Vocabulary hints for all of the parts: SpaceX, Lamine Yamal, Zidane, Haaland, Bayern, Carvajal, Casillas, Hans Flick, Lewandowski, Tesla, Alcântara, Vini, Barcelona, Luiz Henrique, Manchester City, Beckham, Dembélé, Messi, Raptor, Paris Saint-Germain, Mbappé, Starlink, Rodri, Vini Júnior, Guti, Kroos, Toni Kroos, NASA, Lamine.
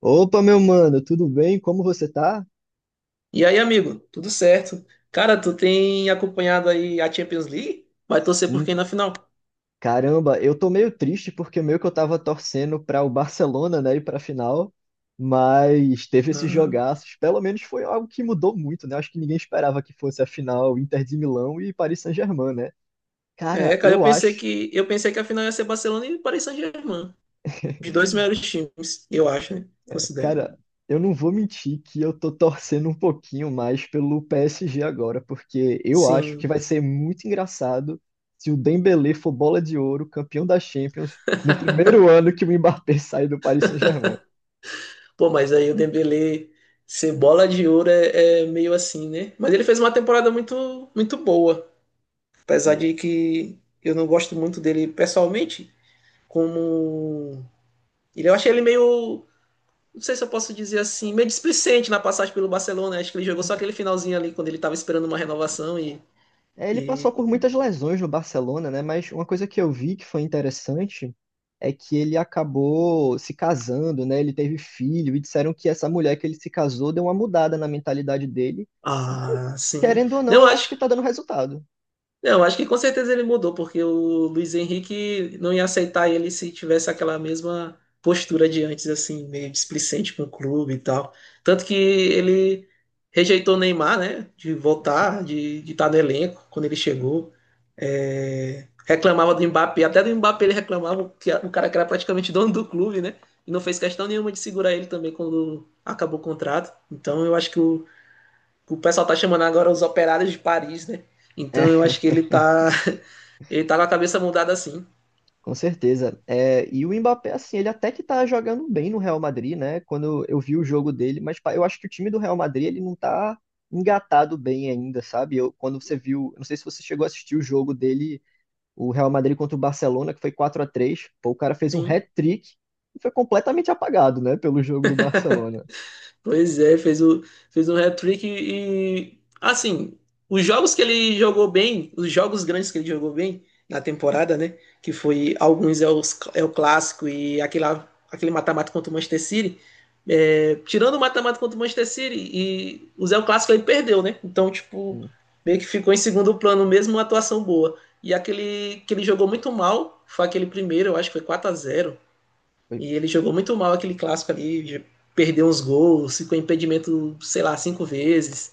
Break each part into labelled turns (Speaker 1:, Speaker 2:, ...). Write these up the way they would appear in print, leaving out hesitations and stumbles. Speaker 1: Opa, meu mano, tudo bem? Como você tá?
Speaker 2: E aí, amigo, tudo certo? Cara, tu tem acompanhado aí a Champions League? Vai torcer por
Speaker 1: Hum,
Speaker 2: quem na final?
Speaker 1: caramba, eu tô meio triste porque meio que eu tava torcendo para o Barcelona, né, ir pra final, mas teve esses
Speaker 2: Aham.
Speaker 1: jogaços. Pelo menos foi algo que mudou muito, né? Acho que ninguém esperava que fosse a final Inter de Milão e Paris Saint-Germain, né?
Speaker 2: É,
Speaker 1: Cara,
Speaker 2: cara, eu
Speaker 1: eu
Speaker 2: pensei
Speaker 1: acho,
Speaker 2: que eu pensei que a final ia ser Barcelona e Paris Saint-Germain. Os dois melhores times, eu acho, né? Considero.
Speaker 1: Cara, eu não vou mentir que eu tô torcendo um pouquinho mais pelo PSG agora, porque eu acho que
Speaker 2: Sim.
Speaker 1: vai ser muito engraçado se o Dembélé for bola de ouro, campeão da Champions, no primeiro ano que o Mbappé sai do Paris Saint-Germain.
Speaker 2: Pô, mas aí o Dembélé ser bola de ouro é meio assim, né? Mas ele fez uma temporada muito muito boa,
Speaker 1: E
Speaker 2: apesar
Speaker 1: é-
Speaker 2: de que eu não gosto muito dele pessoalmente, como ele eu achei ele meio não sei se eu posso dizer assim, meio displicente na passagem pelo Barcelona. Acho que ele jogou só aquele finalzinho ali quando ele estava esperando uma renovação. e.
Speaker 1: Ele passou
Speaker 2: e
Speaker 1: por muitas lesões no Barcelona, né? Mas uma coisa que eu vi que foi interessante é que ele acabou se casando, né? Ele teve filho e disseram que essa mulher que ele se casou deu uma mudada na mentalidade dele.
Speaker 2: ah, sim.
Speaker 1: Querendo ou não,
Speaker 2: Não,
Speaker 1: eu acho que
Speaker 2: acho
Speaker 1: tá dando resultado.
Speaker 2: Não, acho que com certeza ele mudou, porque o Luiz Henrique não ia aceitar ele se tivesse aquela mesma postura de antes, assim, meio displicente com o clube e tal. Tanto que ele rejeitou o Neymar, né, de voltar, de estar no elenco quando ele chegou. É, reclamava do Mbappé, até do Mbappé ele reclamava, que o cara que era praticamente dono do clube, né, e não fez questão nenhuma de segurar ele também quando acabou o contrato. Então eu acho que o pessoal tá chamando agora os operários de Paris, né.
Speaker 1: É,
Speaker 2: Então eu acho que ele tá ele tá com a cabeça mudada assim.
Speaker 1: com certeza. É, e o Mbappé, assim, ele até que tá jogando bem no Real Madrid, né? Quando eu vi o jogo dele, mas pá, eu acho que o time do Real Madrid, ele não tá engatado bem ainda, sabe? Quando você viu, não sei se você chegou a assistir o jogo dele, o Real Madrid contra o Barcelona, que foi 4-3 pô, o cara fez um
Speaker 2: Sim.
Speaker 1: hat-trick e foi completamente apagado, né, pelo jogo do Barcelona.
Speaker 2: Pois é, fez um hat-trick e, assim, os jogos que ele jogou bem, os jogos grandes que ele jogou bem na temporada, né? Que foi alguns é o clássico e aquele mata-mata contra o Manchester City. É, tirando o mata-mata contra o Manchester City e o Clássico ele perdeu, né? Então, tipo,
Speaker 1: Assim,
Speaker 2: meio que ficou em segundo plano, mesmo uma atuação boa. E aquele que ele jogou muito mal foi aquele primeiro, eu acho que foi 4-0.
Speaker 1: Foi
Speaker 2: E ele jogou muito mal aquele clássico ali, perdeu uns gols, ficou em impedimento, sei lá, cinco vezes.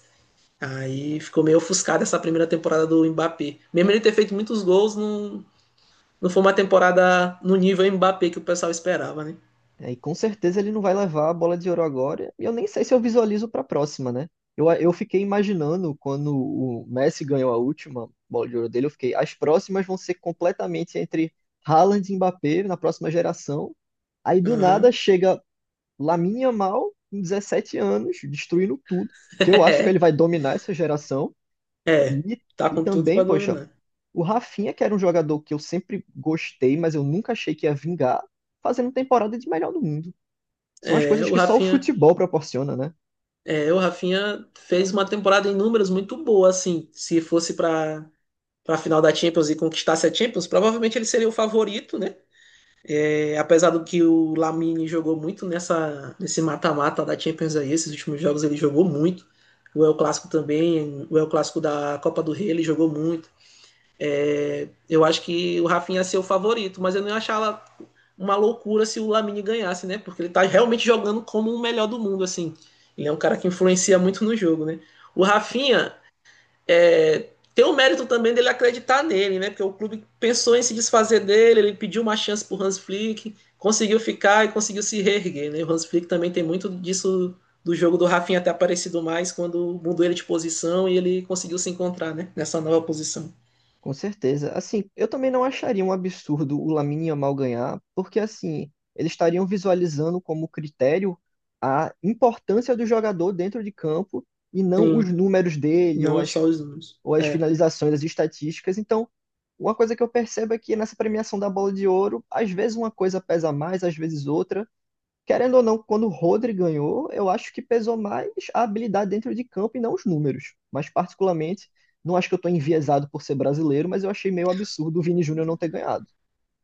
Speaker 2: Aí ficou meio ofuscado essa primeira temporada do Mbappé. Mesmo ele ter feito muitos gols, não, não foi uma temporada no nível Mbappé que o pessoal esperava, né?
Speaker 1: E com certeza ele não vai levar a bola de ouro agora. E eu nem sei se eu visualizo para a próxima, né? Eu fiquei imaginando quando o Messi ganhou a última bola de ouro dele, eu fiquei, as próximas vão ser completamente entre Haaland e Mbappé na próxima geração. Aí do nada
Speaker 2: Uhum.
Speaker 1: chega Lamine Yamal, com 17 anos, destruindo tudo, que eu acho que ele
Speaker 2: é,
Speaker 1: vai dominar essa geração.
Speaker 2: é,
Speaker 1: E,
Speaker 2: tá
Speaker 1: e
Speaker 2: com tudo
Speaker 1: também,
Speaker 2: para
Speaker 1: poxa,
Speaker 2: dominar.
Speaker 1: o Rafinha, que era um jogador que eu sempre gostei, mas eu nunca achei que ia vingar, fazendo temporada de melhor do mundo. São as
Speaker 2: É,
Speaker 1: coisas
Speaker 2: o
Speaker 1: que só o
Speaker 2: Rafinha,
Speaker 1: futebol proporciona, né?
Speaker 2: o Rafinha fez uma temporada em números muito boa, assim. Se fosse para final da Champions e conquistasse a Champions, provavelmente ele seria o favorito, né? É, apesar do que o Lamine jogou muito nesse mata-mata da Champions aí, esses últimos jogos ele jogou muito. O El Clássico também, o El Clássico da Copa do Rei ele jogou muito. É, eu acho que o Rafinha ia ser o favorito, mas eu não ia achar uma loucura se o Lamine ganhasse, né? Porque ele tá realmente jogando como o melhor do mundo, assim. Ele é um cara que influencia muito no jogo, né? O Rafinha, tem o mérito também dele acreditar nele, né? Porque o clube pensou em se desfazer dele, ele pediu uma chance pro Hans Flick, conseguiu ficar e conseguiu se reerguer, né? O Hans Flick também tem muito disso do jogo do Rafinha ter aparecido mais quando mudou ele de posição e ele conseguiu se encontrar, né? Nessa nova posição.
Speaker 1: Com certeza. Assim, eu também não acharia um absurdo o Lamine Yamal ganhar, porque assim, eles estariam visualizando como critério a importância do jogador dentro de campo e não os
Speaker 2: Sim,
Speaker 1: números dele ou
Speaker 2: não
Speaker 1: as,
Speaker 2: só os números.
Speaker 1: ou as
Speaker 2: É.
Speaker 1: finalizações, as estatísticas. Então, uma coisa que eu percebo é que nessa premiação da Bola de Ouro, às vezes uma coisa pesa mais, às vezes outra. Querendo ou não, quando o Rodri ganhou, eu acho que pesou mais a habilidade dentro de campo e não os números. Mas, particularmente, não acho que eu estou enviesado por ser brasileiro, mas eu achei meio absurdo o Vini Júnior não ter ganhado.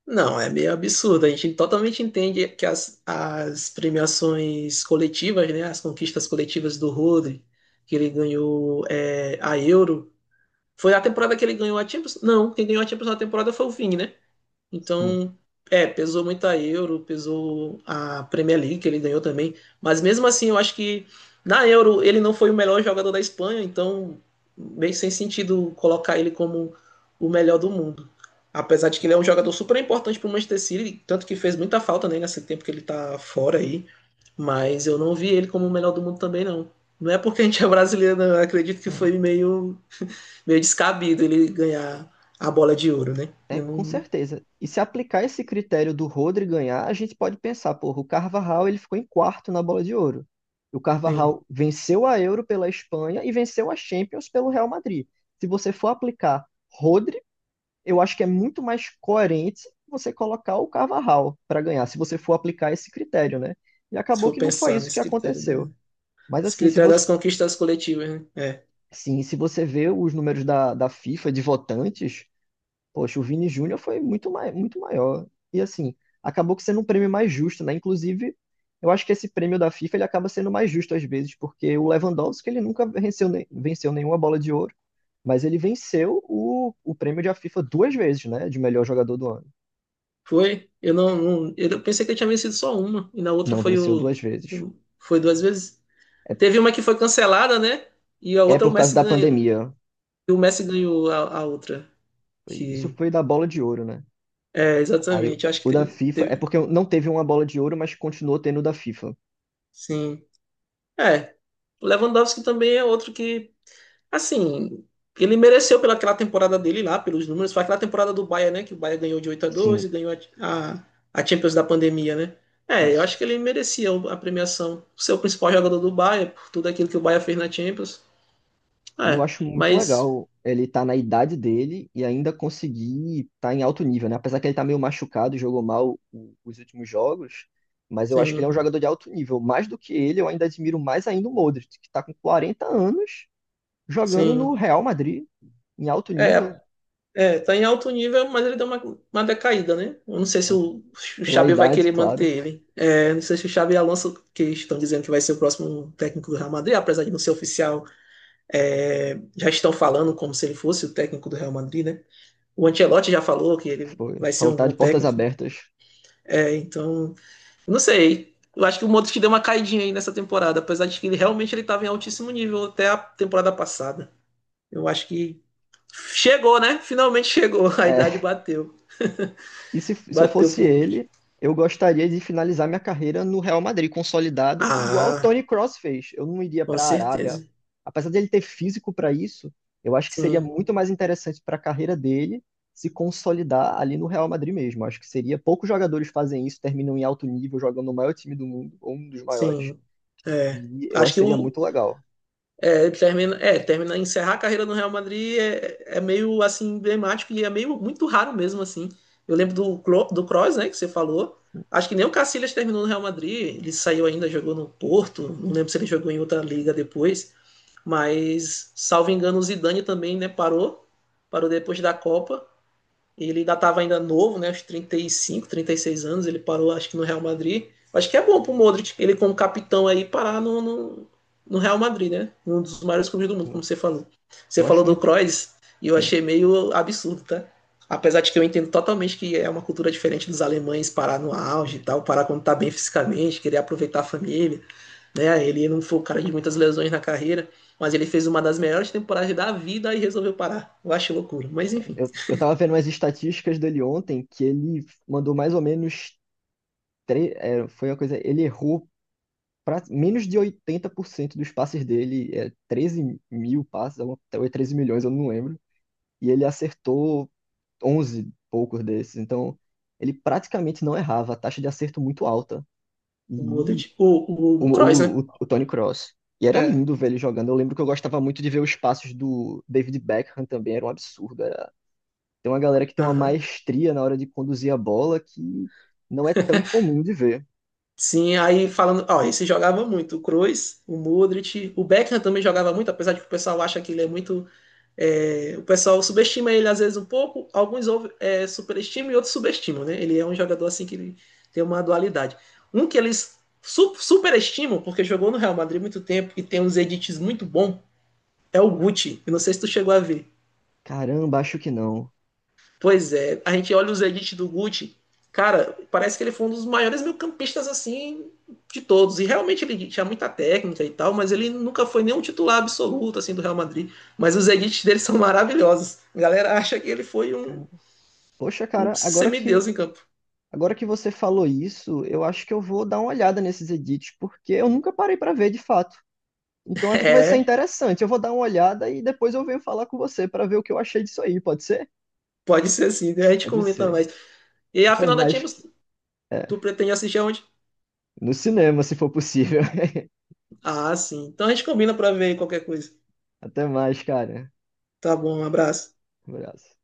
Speaker 2: Não, é meio absurdo. A gente totalmente entende que as premiações coletivas, né? As conquistas coletivas do Rodri, que ele ganhou a Euro, foi a temporada que ele ganhou a Champions? Não, quem ganhou a Champions na temporada foi o Vini, né?
Speaker 1: Sim.
Speaker 2: Então, pesou muito a Euro, pesou a Premier League que ele ganhou também. Mas mesmo assim, eu acho que na Euro ele não foi o melhor jogador da Espanha, então meio sem sentido colocar ele como o melhor do mundo. Apesar de que ele é um jogador super importante para o Manchester City, tanto que fez muita falta né, nesse tempo que ele tá fora aí. Mas eu não vi ele como o melhor do mundo também, não. Não é porque a gente é brasileiro, não. Eu acredito que
Speaker 1: É,
Speaker 2: foi meio descabido ele ganhar a bola de ouro, né?
Speaker 1: é,
Speaker 2: Eu
Speaker 1: com
Speaker 2: não.
Speaker 1: certeza. E se aplicar esse critério do Rodri ganhar, a gente pode pensar, porra, o Carvajal ele ficou em quarto na Bola de Ouro. O
Speaker 2: Sim,
Speaker 1: Carvajal venceu a Euro pela Espanha e venceu a Champions pelo Real Madrid. Se você for aplicar Rodri eu acho que é muito mais coerente você colocar o Carvajal para ganhar, se você for aplicar esse critério, né? E
Speaker 2: se
Speaker 1: acabou
Speaker 2: for
Speaker 1: que não foi
Speaker 2: pensar
Speaker 1: isso que
Speaker 2: nesse critério,
Speaker 1: aconteceu. Mas
Speaker 2: esse
Speaker 1: assim, se
Speaker 2: critério das
Speaker 1: você,
Speaker 2: conquistas coletivas, né? É.
Speaker 1: sim, se você vê os números da, FIFA de votantes, poxa, o Vini Júnior foi muito maior. E assim, acabou que sendo um prêmio mais justo, né? Inclusive, eu acho que esse prêmio da FIFA ele acaba sendo mais justo às vezes, porque o Lewandowski ele nunca venceu, venceu nenhuma bola de ouro, mas ele venceu o prêmio da FIFA duas vezes, né? De melhor jogador do ano.
Speaker 2: Foi? Eu não, não- Eu pensei que eu tinha vencido só uma, e na outra
Speaker 1: Não
Speaker 2: foi
Speaker 1: venceu
Speaker 2: o.
Speaker 1: duas vezes.
Speaker 2: Foi duas vezes.
Speaker 1: É,
Speaker 2: Teve uma que foi cancelada, né? E a
Speaker 1: é
Speaker 2: outra o
Speaker 1: por causa
Speaker 2: Messi
Speaker 1: da
Speaker 2: ganhou.
Speaker 1: pandemia.
Speaker 2: E o Messi ganhou a outra.
Speaker 1: Isso
Speaker 2: Que.
Speaker 1: foi da bola de ouro, né?
Speaker 2: É,
Speaker 1: Aí
Speaker 2: exatamente. Acho
Speaker 1: o
Speaker 2: que
Speaker 1: da
Speaker 2: teve.
Speaker 1: FIFA é porque não teve uma bola de ouro, mas continuou tendo o da FIFA.
Speaker 2: Sim. É. O Lewandowski também é outro que assim, ele mereceu pela aquela temporada dele lá, pelos números. Foi aquela temporada do Bayern, né? Que o Bayern ganhou de 8-12
Speaker 1: Sim,
Speaker 2: e ganhou a Champions da pandemia, né? É, eu acho que
Speaker 1: isso.
Speaker 2: ele merecia a premiação. Ser o principal jogador do Bayern, por tudo aquilo que o Bayern fez na Champions.
Speaker 1: E eu
Speaker 2: É,
Speaker 1: acho muito
Speaker 2: mas,
Speaker 1: legal ele estar na idade dele e ainda conseguir estar em alto nível, né? Apesar que ele tá meio machucado, jogou mal os últimos jogos, mas eu acho que ele é um
Speaker 2: sim,
Speaker 1: jogador de alto nível. Mais do que ele, eu ainda admiro mais ainda o Modric, que tá com 40 anos jogando no
Speaker 2: sim.
Speaker 1: Real Madrid, em alto
Speaker 2: É,
Speaker 1: nível.
Speaker 2: é, tá em alto nível, mas ele deu uma decaída, né? Eu não sei se
Speaker 1: Não,
Speaker 2: o
Speaker 1: pela
Speaker 2: Xabi vai
Speaker 1: idade,
Speaker 2: querer
Speaker 1: claro.
Speaker 2: manter ele. É, não sei se o Xabi Alonso, que estão dizendo que vai ser o próximo técnico do Real Madrid, apesar de não ser oficial. É, já estão falando como se ele fosse o técnico do Real Madrid, né? O Ancelotti já falou que ele
Speaker 1: Foi.
Speaker 2: vai ser
Speaker 1: Falou
Speaker 2: um
Speaker 1: que tá
Speaker 2: bom
Speaker 1: de portas
Speaker 2: técnico.
Speaker 1: abertas.
Speaker 2: É, então, não sei. Eu acho que o Modric deu uma caidinha aí nessa temporada, apesar de que ele realmente ele estava em altíssimo nível até a temporada passada. Eu acho que chegou, né? Finalmente chegou. A idade
Speaker 1: É,
Speaker 2: bateu.
Speaker 1: e se eu
Speaker 2: Bateu
Speaker 1: fosse
Speaker 2: pro Modric.
Speaker 1: ele, eu gostaria de finalizar minha carreira no Real Madrid, consolidado, igual o
Speaker 2: Ah,
Speaker 1: Toni Kroos fez. Eu não iria
Speaker 2: com
Speaker 1: para a Arábia.
Speaker 2: certeza.
Speaker 1: Apesar dele ter físico para isso, eu acho que seria
Speaker 2: Sim,
Speaker 1: muito mais interessante para a carreira dele se consolidar ali no Real Madrid mesmo. Acho que seria. Poucos jogadores fazem isso, terminam em alto nível, jogam no maior time do mundo, ou um dos maiores.
Speaker 2: sim. É.
Speaker 1: E eu
Speaker 2: Acho
Speaker 1: acho que
Speaker 2: que
Speaker 1: seria
Speaker 2: o,
Speaker 1: muito legal.
Speaker 2: É, termina, encerrar a carreira no Real Madrid é meio assim emblemático e é meio muito raro mesmo assim. Eu lembro do do Kroos, né, que você falou. Acho que nem o Casillas terminou no Real Madrid, ele saiu ainda, jogou no Porto, não lembro se ele jogou em outra liga depois, mas salvo engano o Zidane também, né, parou, depois da Copa. Ele ainda estava ainda novo, né? Aos 35, 36 anos, ele parou, acho que no Real Madrid. Acho que é bom pro Modric, ele como capitão aí, parar no Real Madrid, né? Um dos maiores clubes do mundo,
Speaker 1: Hum,
Speaker 2: como você falou. Você
Speaker 1: Eu
Speaker 2: falou
Speaker 1: acho
Speaker 2: do
Speaker 1: muito.
Speaker 2: Kroos, e eu
Speaker 1: hum,
Speaker 2: achei meio absurdo, tá? Apesar de que eu entendo totalmente que é uma cultura diferente dos alemães parar no auge e tal, parar quando tá bem fisicamente, querer aproveitar a família, né? Ele não foi o cara de muitas lesões na carreira, mas ele fez uma das melhores temporadas da vida e resolveu parar. Eu acho loucura, mas enfim.
Speaker 1: eu tava vendo umas estatísticas dele ontem que ele mandou mais ou menos. Foi uma coisa. Ele errou pra, menos de 80% dos passes dele, 13 mil passes, ou é 13 milhões, eu não lembro. E ele acertou 11 poucos desses. Então, ele praticamente não errava, a taxa de acerto muito alta.
Speaker 2: O
Speaker 1: E
Speaker 2: Modric. O,
Speaker 1: o,
Speaker 2: o Kroos,
Speaker 1: o,
Speaker 2: né?
Speaker 1: o, o Tony Cross. E era
Speaker 2: É.
Speaker 1: lindo ver ele jogando. Eu lembro que eu gostava muito de ver os passos do David Beckham também, era um absurdo. Tem uma galera que tem uma
Speaker 2: Aham.
Speaker 1: maestria na hora de conduzir a bola que não é tão comum de ver.
Speaker 2: Sim, aí falando, ó, esse jogava muito, o Kroos, o Modric, o Beckham também jogava muito, apesar de que o pessoal acha que ele é muito, o pessoal subestima ele às vezes um pouco, alguns superestimam e outros subestimam, né? Ele é um jogador assim que ele tem uma dualidade. Um que eles superestimam, porque jogou no Real Madrid muito tempo e tem uns edits muito bons, é o Guti, eu não sei se tu chegou a ver.
Speaker 1: Caramba, acho que não.
Speaker 2: Pois é, a gente olha os edits do Guti, cara, parece que ele foi um dos maiores meio-campistas assim de todos. E realmente ele tinha muita técnica e tal, mas ele nunca foi nenhum titular absoluto assim do Real Madrid. Mas os edits dele são maravilhosos. A galera acha que ele foi um,
Speaker 1: Cara- Poxa,
Speaker 2: um
Speaker 1: cara, agora
Speaker 2: semideus
Speaker 1: que
Speaker 2: em campo.
Speaker 1: agora que você falou isso, eu acho que eu vou dar uma olhada nesses edits, porque eu nunca parei pra ver de fato. Então acho que vai ser
Speaker 2: É,
Speaker 1: interessante. Eu vou dar uma olhada e depois eu venho falar com você pra ver o que eu achei disso aí, pode ser?
Speaker 2: pode ser assim, né? A gente
Speaker 1: Pode
Speaker 2: comenta
Speaker 1: ser.
Speaker 2: mais. E a
Speaker 1: Até
Speaker 2: final da
Speaker 1: mais.
Speaker 2: Champions,
Speaker 1: É,
Speaker 2: tu pretende assistir aonde?
Speaker 1: no cinema, se for possível.
Speaker 2: Ah, sim. Então a gente combina para ver qualquer coisa.
Speaker 1: Até mais, cara.
Speaker 2: Tá bom, um abraço.
Speaker 1: Um abraço.